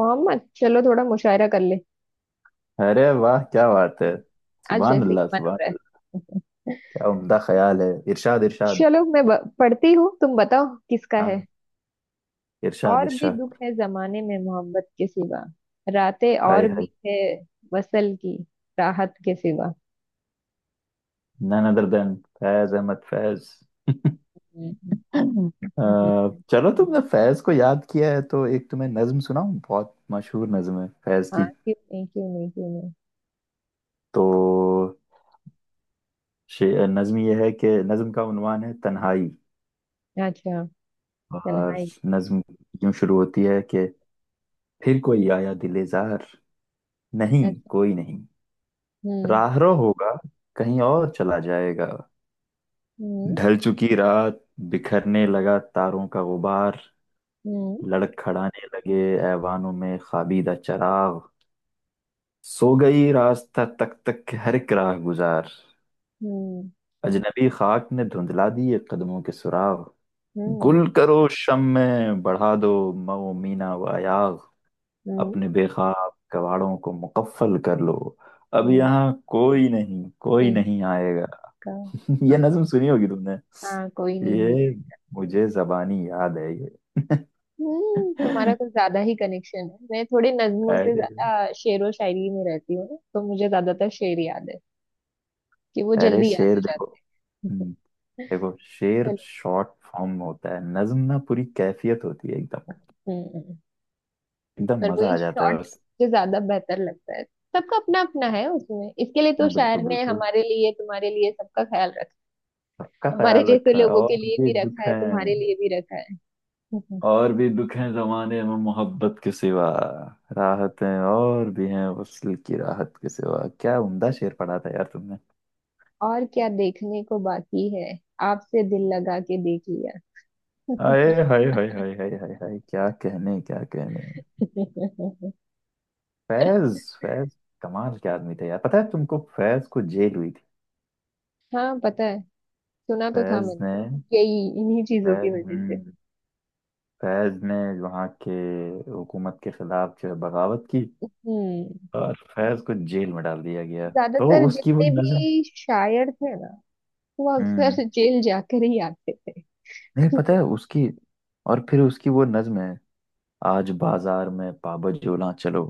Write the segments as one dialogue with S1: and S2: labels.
S1: मोहम्मद चलो थोड़ा मुशायरा कर ले।
S2: अरे वाह क्या बात है।
S1: आज
S2: सुभान
S1: जैसे ही
S2: अल्लाह,
S1: मन हो
S2: सुभान
S1: रहा
S2: अल्लाह।
S1: है।
S2: क्या उम्दा ख्याल है, इरशाद इरशाद।
S1: चलो मैं पढ़ती हूँ, तुम बताओ किसका है।
S2: हाँ, इरशाद
S1: और भी
S2: इरशाद।
S1: दुख है जमाने में मोहब्बत के सिवा, रातें
S2: हाय
S1: और
S2: हाय।
S1: भी है वसल की राहत के सिवा।
S2: None other than Faiz Ahmad Faiz.
S1: हम्म,
S2: हम्म।
S1: हम्म, हम्म।
S2: चलो, तुमने फैज को याद किया है तो एक तुम्हें नज्म सुनाऊं, बहुत मशहूर नज्म है फैज
S1: हाँ
S2: की।
S1: क्यों नहीं क्यों नहीं क्यों नहीं।
S2: तो नज्म ये है कि नज्म का उन्वान है तन्हाई,
S1: अच्छा।
S2: और
S1: तन्हाई।
S2: नज्म यूं शुरू होती है कि, फिर कोई आया दिलेजार, नहीं
S1: अच्छा।
S2: कोई नहीं,
S1: हम्म।
S2: राहरो होगा कहीं और चला जाएगा।
S1: हम्म।
S2: ढल चुकी रात, बिखरने लगा तारों का गुबार,
S1: हम्म।
S2: लड़खड़ाने लगे ऐवानों में खाबीदा चराग, सो गई रास्ता तक तक के हर एक राह गुजार,
S1: हम्म।
S2: अजनबी खाक ने धुंधला दिए कदमों के सुराग।
S1: हम्म।
S2: गुल करो शम में, बढ़ा दो मऊ मीना व अयाग,
S1: हम्म।
S2: अपने बेखाब कवाड़ों को मुकफ्फल कर लो, अब
S1: हम्म,
S2: यहाँ कोई नहीं, कोई
S1: नहीं
S2: नहीं आएगा।
S1: का।
S2: ये
S1: हाँ।
S2: नज्म सुनी होगी तुमने।
S1: हाँ कोई नहीं।
S2: ये मुझे जबानी याद है।
S1: हम्म, तुम्हारा कुछ ज्यादा ही कनेक्शन है। मैं थोड़े नज्मों से
S2: अरे,
S1: ज्यादा शेरो शायरी में रहती हूँ ना, तो मुझे ज्यादातर शेर याद है, कि वो
S2: अरे
S1: जल्दी याद हो
S2: शेर देखो।
S1: जाता है।
S2: हम्म। देखो, शेर
S1: चलो।
S2: शॉर्ट फॉर्म में होता है, नज्म ना पूरी कैफियत होती है एकदम,
S1: हम्म।
S2: एकदम
S1: पर
S2: मजा
S1: वही
S2: आ जाता है
S1: शॉर्ट
S2: बस।
S1: मुझे ज्यादा बेहतर लगता है। सबका अपना अपना है उसमें, इसके लिए तो
S2: ना,
S1: शायर
S2: बिल्कुल
S1: ने
S2: बिल्कुल,
S1: हमारे लिए तुम्हारे लिए सबका ख्याल रखा।
S2: सबका
S1: हमारे
S2: ख्याल
S1: जैसे
S2: रखा है।
S1: लोगों के
S2: और
S1: लिए
S2: भी
S1: भी
S2: दुख
S1: रखा है,
S2: है,
S1: तुम्हारे लिए भी रखा है। हम्म,
S2: और भी दुख है जमाने में मोहब्बत के सिवा, राहतें और भी हैं वصل की राहत के सिवा। क्या उम्दा शेर पढ़ा था यार तुमने।
S1: और क्या देखने को बाकी है। आपसे दिल लगा के देख लिया।
S2: आए हाय हाय हाय हाय हाय हाय, क्या कहने क्या कहने। फैज फैज, कमाल के आदमी थे यार। पता है तुमको, फैज को जेल हुई थी।
S1: हाँ पता है। सुना तो था
S2: फैज
S1: मैंने।
S2: ने,
S1: यही इन्हीं चीजों की
S2: फैज,
S1: वजह से।
S2: फैज ने वहाँ के हुकूमत के खिलाफ जो है बगावत की,
S1: हम्म।
S2: और फैज को जेल में डाल दिया गया। तो
S1: ज्यादातर
S2: उसकी वो
S1: जितने
S2: नज्म,
S1: भी शायर थे ना, वो
S2: हम्म,
S1: अक्सर जेल जाकर ही आते थे।
S2: नहीं पता है उसकी। और फिर उसकी वो नज्म है, आज बाजार में पाबजोला चलो।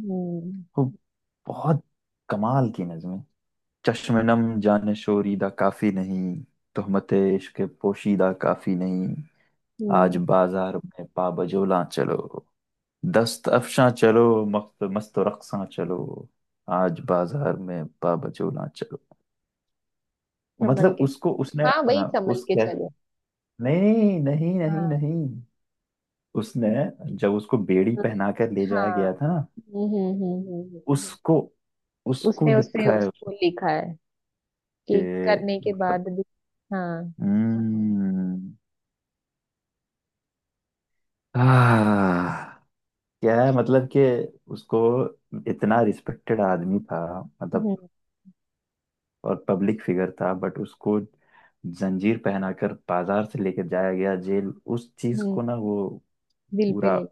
S1: हम्म।
S2: वो बहुत कमाल की नज्म है। चश्मे-नम जाने शोरीदा काफी नहीं, तहमत इश्क पोशीदा काफी नहीं, आज
S1: हम्म।
S2: बाजार में पाबजोला चलो, दस्त अफशां चलो, मस्त मस्त रक्सां चलो, आज बाजार में बाबजोला चलो।
S1: संभल
S2: मतलब
S1: के
S2: उसको
S1: चलो।
S2: उसने,
S1: हाँ भाई
S2: हाँ,
S1: संभल
S2: उस
S1: के
S2: क्या,
S1: चलो।
S2: नहीं नहीं नहीं
S1: हाँ।
S2: नहीं, उसने, जब उसको बेड़ी
S1: हाँ।
S2: पहना कर ले जाया
S1: हाँ,
S2: गया था ना,
S1: हम्म। हम्म।
S2: उसको, उसको
S1: उसने उससे
S2: लिखा है
S1: उसको लिखा है,
S2: उसके,
S1: कि करने के
S2: मतलब,
S1: बाद भी। हाँ।
S2: हम्म, आह, क्या है मतलब कि उसको, इतना रिस्पेक्टेड आदमी था, मतलब,
S1: हम्म।
S2: और पब्लिक फिगर था, बट उसको जंजीर पहनाकर बाजार से लेकर जाया गया जेल। उस चीज
S1: हम्म,
S2: को ना वो
S1: दिल पे
S2: पूरा।
S1: ले।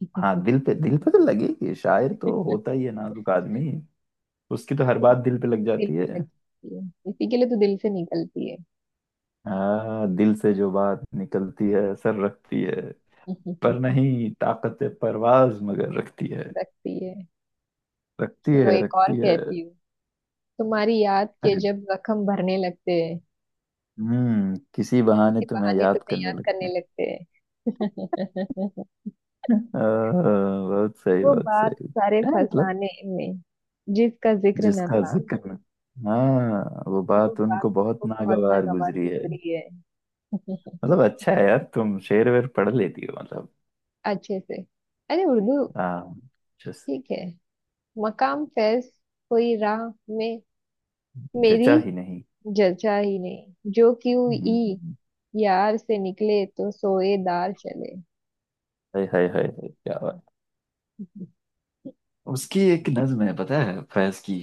S2: हाँ, दिल पे तो लगेगी, शायर तो होता ही है नाजुक आदमी, उसकी तो हर बात दिल पे लग
S1: दिल
S2: जाती
S1: पे
S2: है।
S1: लग जाती है, इसी के लिए तो दिल से निकलती है।
S2: हाँ, दिल से जो बात निकलती है असर रखती है, पर नहीं ताकत परवाज मगर रखती है,
S1: रखती है।
S2: रखती
S1: चलो
S2: है
S1: एक और
S2: रखती है।
S1: कहती हूँ। तुम्हारी याद के
S2: अरे,
S1: जब जख्म भरने लगते हैं,
S2: हम्म, किसी बहाने
S1: किसी
S2: तुम्हें
S1: बहाने
S2: याद
S1: तुम्हें
S2: करने
S1: याद
S2: लगते
S1: करने
S2: हैं।
S1: लगते हैं।
S2: अ,
S1: वो
S2: बहुत
S1: बात
S2: सही
S1: सारे
S2: है, मतलब।
S1: फसाने में जिसका जिक्र न
S2: जिसका
S1: था,
S2: जिक्र, हाँ वो
S1: वो
S2: बात
S1: बात
S2: उनको बहुत
S1: को बहुत
S2: नागवार
S1: नागवार
S2: गुजरी है।
S1: गुजरी है।
S2: मतलब अच्छा है यार तुम शेर वेर पढ़ लेती हो मतलब।
S1: अच्छे से। अरे उर्दू।
S2: हाँ, जस,
S1: ठीक है। मकाम फैज कोई राह में मेरी
S2: जचा ही नहीं।
S1: जचा ही नहीं, जो क्यों ई
S2: हम्म।
S1: यार से निकले तो सोए दार चले।
S2: हाय हाय हाय हाय, क्या बात। उसकी एक नज्म है पता है, फैज की,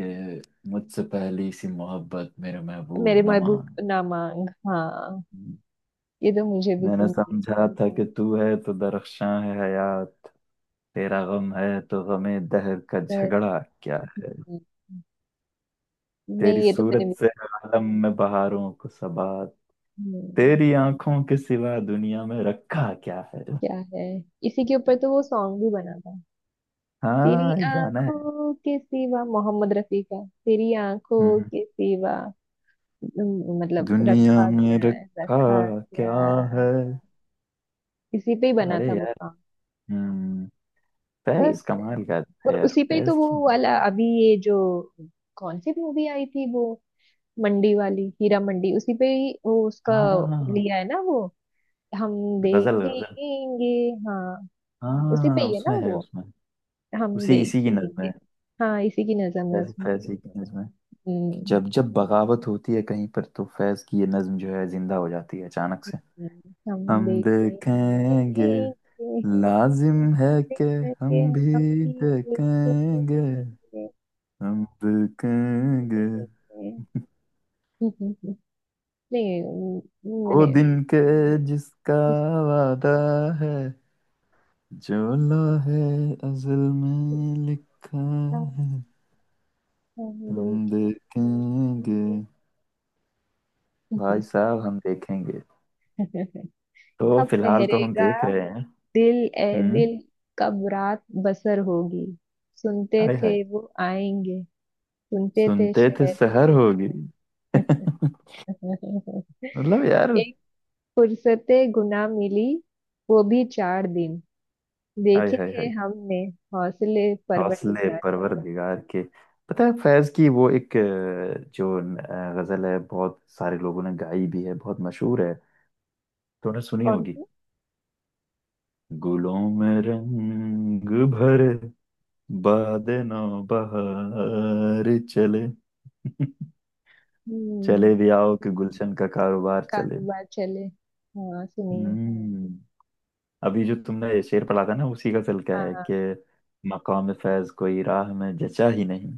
S2: कि मुझसे पहली सी मोहब्बत मेरे
S1: मेरे
S2: महबूब न
S1: महबूब
S2: मान।
S1: ना मांग, हाँ। ये तो मुझे भी
S2: मैंने
S1: सुननी है।
S2: समझा था कि तू है तो दरख्शां है हयात, तेरा गम है तो गमे दहर का
S1: पर,
S2: झगड़ा क्या,
S1: हम्म,
S2: तेरी
S1: नहीं ये तो मैंने
S2: सूरत
S1: भी।
S2: से आलम में बहारों को सबा,
S1: हम्म,
S2: तेरी आंखों के सिवा दुनिया में रखा क्या है।
S1: क्या है। इसी के ऊपर तो वो सॉन्ग भी बना था। तेरी
S2: हाँ, ये गाना है।
S1: आंखों के सिवा, मोहम्मद रफी का, तेरी
S2: हम्म,
S1: आंखों
S2: हम्म।
S1: के सिवा। मतलब
S2: दुनिया
S1: रखा
S2: में
S1: क्या है
S2: रखा
S1: रखा क्या
S2: क्या
S1: है।
S2: है।
S1: इसी पे ही बना
S2: अरे
S1: था वो
S2: यार,
S1: सॉन्ग।
S2: हम्म,
S1: तेज
S2: फैज
S1: से।
S2: कमाल का है
S1: और
S2: यार
S1: उसी पे ही तो
S2: फैज
S1: वो
S2: की।
S1: वाला अभी, ये जो कौन सी मूवी आई थी वो? मंडी वाली, हीरा मंडी। उसी पे ही वो उसका
S2: हाँ,
S1: लिया है ना वो। हम
S2: गजल गजल।
S1: देखेंगे। हाँ उसी पे
S2: हाँ,
S1: ही है ना
S2: उसमें है
S1: वो।
S2: उसमें,
S1: हम
S2: उसी इसी की नज्म
S1: देखेंगे।
S2: है,
S1: हाँ इसी की नजम है
S2: फैज
S1: उसमें।
S2: फैज ही की नज्म है। कि
S1: हम्म।
S2: जब जब बगावत होती है कहीं पर, तो फैज की ये नज्म जो है जिंदा हो जाती है अचानक से।
S1: हम
S2: हम देखेंगे,
S1: देखेंगे।
S2: लाजिम है कि
S1: देखेंगे,
S2: हम
S1: हम
S2: भी
S1: भी देखेंगे।
S2: देखेंगे,
S1: देखेंगे।
S2: हम देखेंगे
S1: हम्म, हम्म, हम्म, नहीं
S2: वो
S1: मैंने।
S2: दिन के जिसका वादा है, जो लोहे अज़ल
S1: इसका।
S2: में लिखा है,
S1: हम
S2: हम देखेंगे।
S1: देखेंगे।
S2: भाई साहब हम देखेंगे। तो
S1: कब
S2: फिलहाल तो हम
S1: ठहरेगा
S2: देख रहे हैं।
S1: दिल ए
S2: हम्म।
S1: दिल, कब रात बसर होगी। सुनते
S2: आय
S1: थे
S2: हाय,
S1: वो आएंगे, सुनते थे
S2: सुनते थे
S1: शहर।
S2: शहर होगी। मतलब यार,
S1: एक फुर्सते गुना मिली, वो भी चार दिन।
S2: आय
S1: देखे
S2: हाय
S1: हैं
S2: हाय,
S1: हमने हौसले
S2: हौसले हौसले
S1: परवरदिगार।
S2: परवरदिगार के। पता है, फैज की वो एक जो गजल है, बहुत सारे लोगों ने गाई भी है, बहुत मशहूर है। तूने सुनी
S1: कौन
S2: होगी।
S1: से।
S2: गुलों में रंग भर, बाद नौ बहार चले,
S1: हम्म।
S2: चले भी आओ कि गुलशन का कारोबार चले।
S1: कारोबार चले। हाँ सुनिए।
S2: हम्म। अभी जो तुमने ये शेर पढ़ा था ना उसी का गजल का
S1: हाँ।
S2: है
S1: हाँ,
S2: कि, मकाम फैज कोई राह में जचा ही नहीं,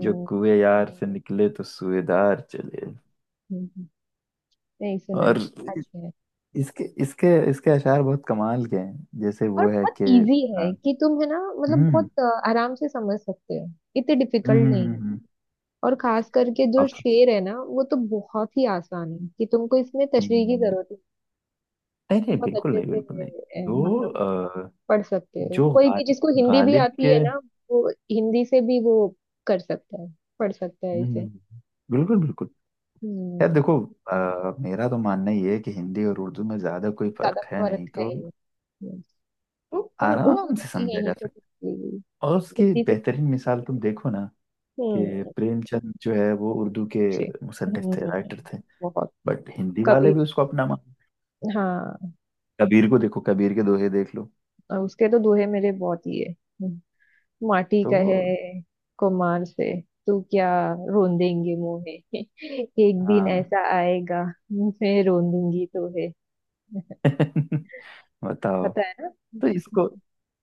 S2: जो कुए यार से निकले तो सुएदार चले।
S1: हम्म, हम्म, नहीं सुना
S2: और
S1: है। अच्छा है।
S2: इसके इसके इसके अशार बहुत कमाल के हैं, जैसे
S1: और
S2: वो है
S1: बहुत
S2: कि
S1: इजी है
S2: अ,
S1: कि तुम है ना, मतलब
S2: हम्म
S1: बहुत आराम से समझ सकते हो। इतने
S2: हम्म
S1: डिफिकल्ट
S2: हम्म
S1: नहीं।
S2: हम्म,
S1: और खास करके जो
S2: अब-
S1: शेर है ना, वो तो बहुत ही आसान है, कि तुमको इसमें तशरीह की
S2: हम्म,
S1: जरूरत है।
S2: नहीं नहीं,
S1: बहुत
S2: बिल्कुल
S1: अच्छे
S2: नहीं,
S1: से
S2: बिल्कुल नहीं।
S1: मतलब
S2: जो अ,
S1: पढ़ सकते हो।
S2: जो
S1: कोई भी जिसको हिंदी भी
S2: गालिब के,
S1: आती है ना, वो हिंदी से भी वो कर सकता है, पढ़ सकता है
S2: हम्म,
S1: इसे।
S2: हम्म। बिल्कुल बिल्कुल। यार
S1: हम्म।
S2: देखो, मेरा तो मानना ये है कि हिंदी और उर्दू में ज्यादा कोई
S1: ज्यादा
S2: फर्क है
S1: फर्क
S2: नहीं,
S1: है
S2: तो,
S1: ही नहीं। हम्म,
S2: तो
S1: और उर्दू
S2: आराम
S1: तो
S2: से समझा
S1: यहीं
S2: जा
S1: से
S2: सकता
S1: सीखी हुई,
S2: है। और उसकी
S1: हिंदी से तो।
S2: बेहतरीन मिसाल तुम देखो ना, कि
S1: हम्म।
S2: प्रेमचंद जो है वो उर्दू के
S1: अच्छे।
S2: मुसन्निफ थे,
S1: हम्म।
S2: राइटर थे,
S1: बहुत।
S2: बट हिंदी वाले भी
S1: कबीर।
S2: उसको अपना मान।
S1: हाँ।
S2: कबीर को देखो, कबीर के दोहे देख लो
S1: और उसके तो दोहे मेरे बहुत ही है। माटी कहे
S2: तो।
S1: कुम्हार से, तू क्या रोंदेंगे मुझे। एक दिन
S2: हाँ।
S1: ऐसा आएगा मैं रोंदूंगी तो है।
S2: बताओ,
S1: पता है ना।
S2: तो इसको,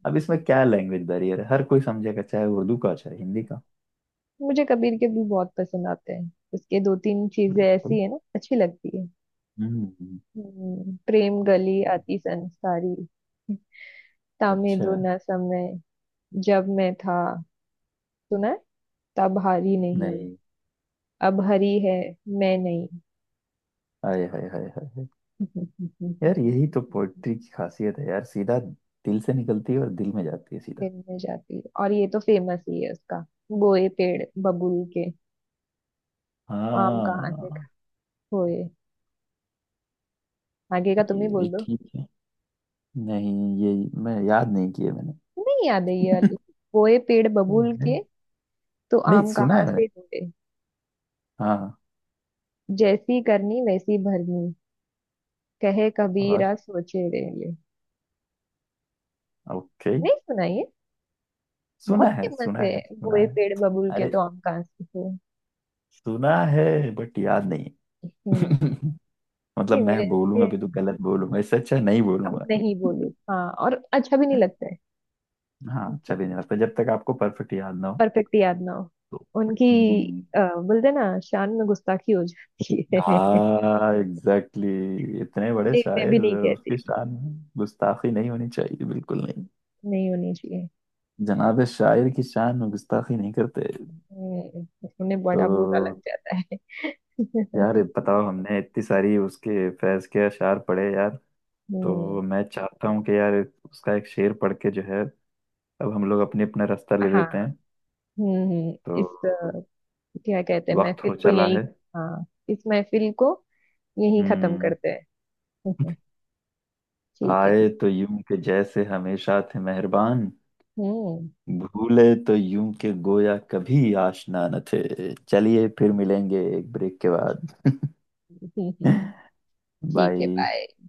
S2: अब इसमें क्या लैंग्वेज बैरियर है, हर कोई समझेगा चाहे उर्दू का चाहे हिंदी का।
S1: मुझे कबीर के भी बहुत पसंद आते हैं। उसके दो तीन चीजें
S2: बिल्कुल।
S1: ऐसी है ना, अच्छी लगती है।
S2: हम्म।
S1: प्रेम गली आती संसारी, तामे दो
S2: अच्छा
S1: न समय। जब मैं था। सुना है? तब हारी नहीं,
S2: नहीं।
S1: अब हरी है मैं नहीं।
S2: हाय हाय हाय हाय हाय। यार यही तो पोइट्री की खासियत है यार, सीधा दिल से निकलती है और दिल में जाती है सीधा।
S1: दिन में जाती है। और ये तो फेमस ही है उसका। गोए पेड़ बबूल के, आम कहाँ से
S2: हाँ,
S1: खोए। आगे का तुम ही
S2: ये
S1: बोल
S2: भी
S1: दो।
S2: ठीक है। नहीं ये मैं याद नहीं किए मैंने,
S1: नहीं याद है ये वाली? गोए पेड़ बबूल
S2: नहीं,
S1: के तो
S2: नहीं,
S1: आम
S2: सुना
S1: कहाँ
S2: है
S1: से
S2: मैंने।
S1: ढूंढे।
S2: हाँ।
S1: जैसी करनी वैसी भरनी, कहे
S2: और
S1: कबीरा सोचे रे। ये
S2: ओके,
S1: नहीं सुना ये?
S2: सुना
S1: बहुत
S2: है
S1: फेमस
S2: सुना
S1: है।
S2: है सुना
S1: गोए
S2: है।
S1: पेड़ बबूल के
S2: अरे,
S1: तो आम कहाँ से खोए।
S2: सुना है बट याद नहीं
S1: हम्म।
S2: है। मतलब
S1: नहीं
S2: मैं
S1: मेरे
S2: बोलूंगा
S1: इसके,
S2: भी तो गलत बोलूंगा, इससे अच्छा नहीं
S1: अब
S2: बोलूंगा।
S1: नहीं बोलू। हाँ, और अच्छा भी नहीं लगता
S2: हाँ, अच्छा
S1: है
S2: भी नहीं लगता जब तक आपको परफेक्ट याद ना हो।
S1: परफेक्ट याद ना हो।
S2: तो,
S1: उनकी
S2: हम्म,
S1: बोलते ना शान में गुस्ताखी हो जाती है।
S2: हाँ एग्जैक्टली, exactly। इतने बड़े
S1: नहीं मैं भी
S2: शायर,
S1: नहीं कहती
S2: उसकी
S1: हूँ,
S2: शान में गुस्ताखी नहीं होनी चाहिए बिल्कुल नहीं।
S1: नहीं होनी चाहिए।
S2: जनाब शायर की शान में गुस्ताखी नहीं करते।
S1: हम्म, उन्हें
S2: तो
S1: बड़ा बुरा लग जाता है।
S2: यार बताओ, हमने इतनी सारी उसके फैज के अशार पढ़े यार,
S1: हम्म।
S2: तो मैं चाहता हूँ कि यार उसका एक शेर पढ़ के जो है, अब हम लोग अपने अपना रास्ता ले
S1: हाँ।
S2: लेते हैं।
S1: हम्म। इस
S2: तो
S1: क्या कहते हैं
S2: वक्त
S1: महफिल
S2: हो
S1: को,
S2: चला
S1: यही।
S2: है।
S1: हाँ, इस महफिल को यही खत्म
S2: हम्म।
S1: करते हैं। ठीक है,
S2: आए
S1: ठीक।
S2: तो यूं के जैसे हमेशा थे मेहरबान,
S1: हम्म।
S2: भूले तो यूं के गोया कभी आशना न थे। चलिए फिर मिलेंगे एक ब्रेक के बाद।
S1: ठीक है,
S2: बाय।
S1: बाय।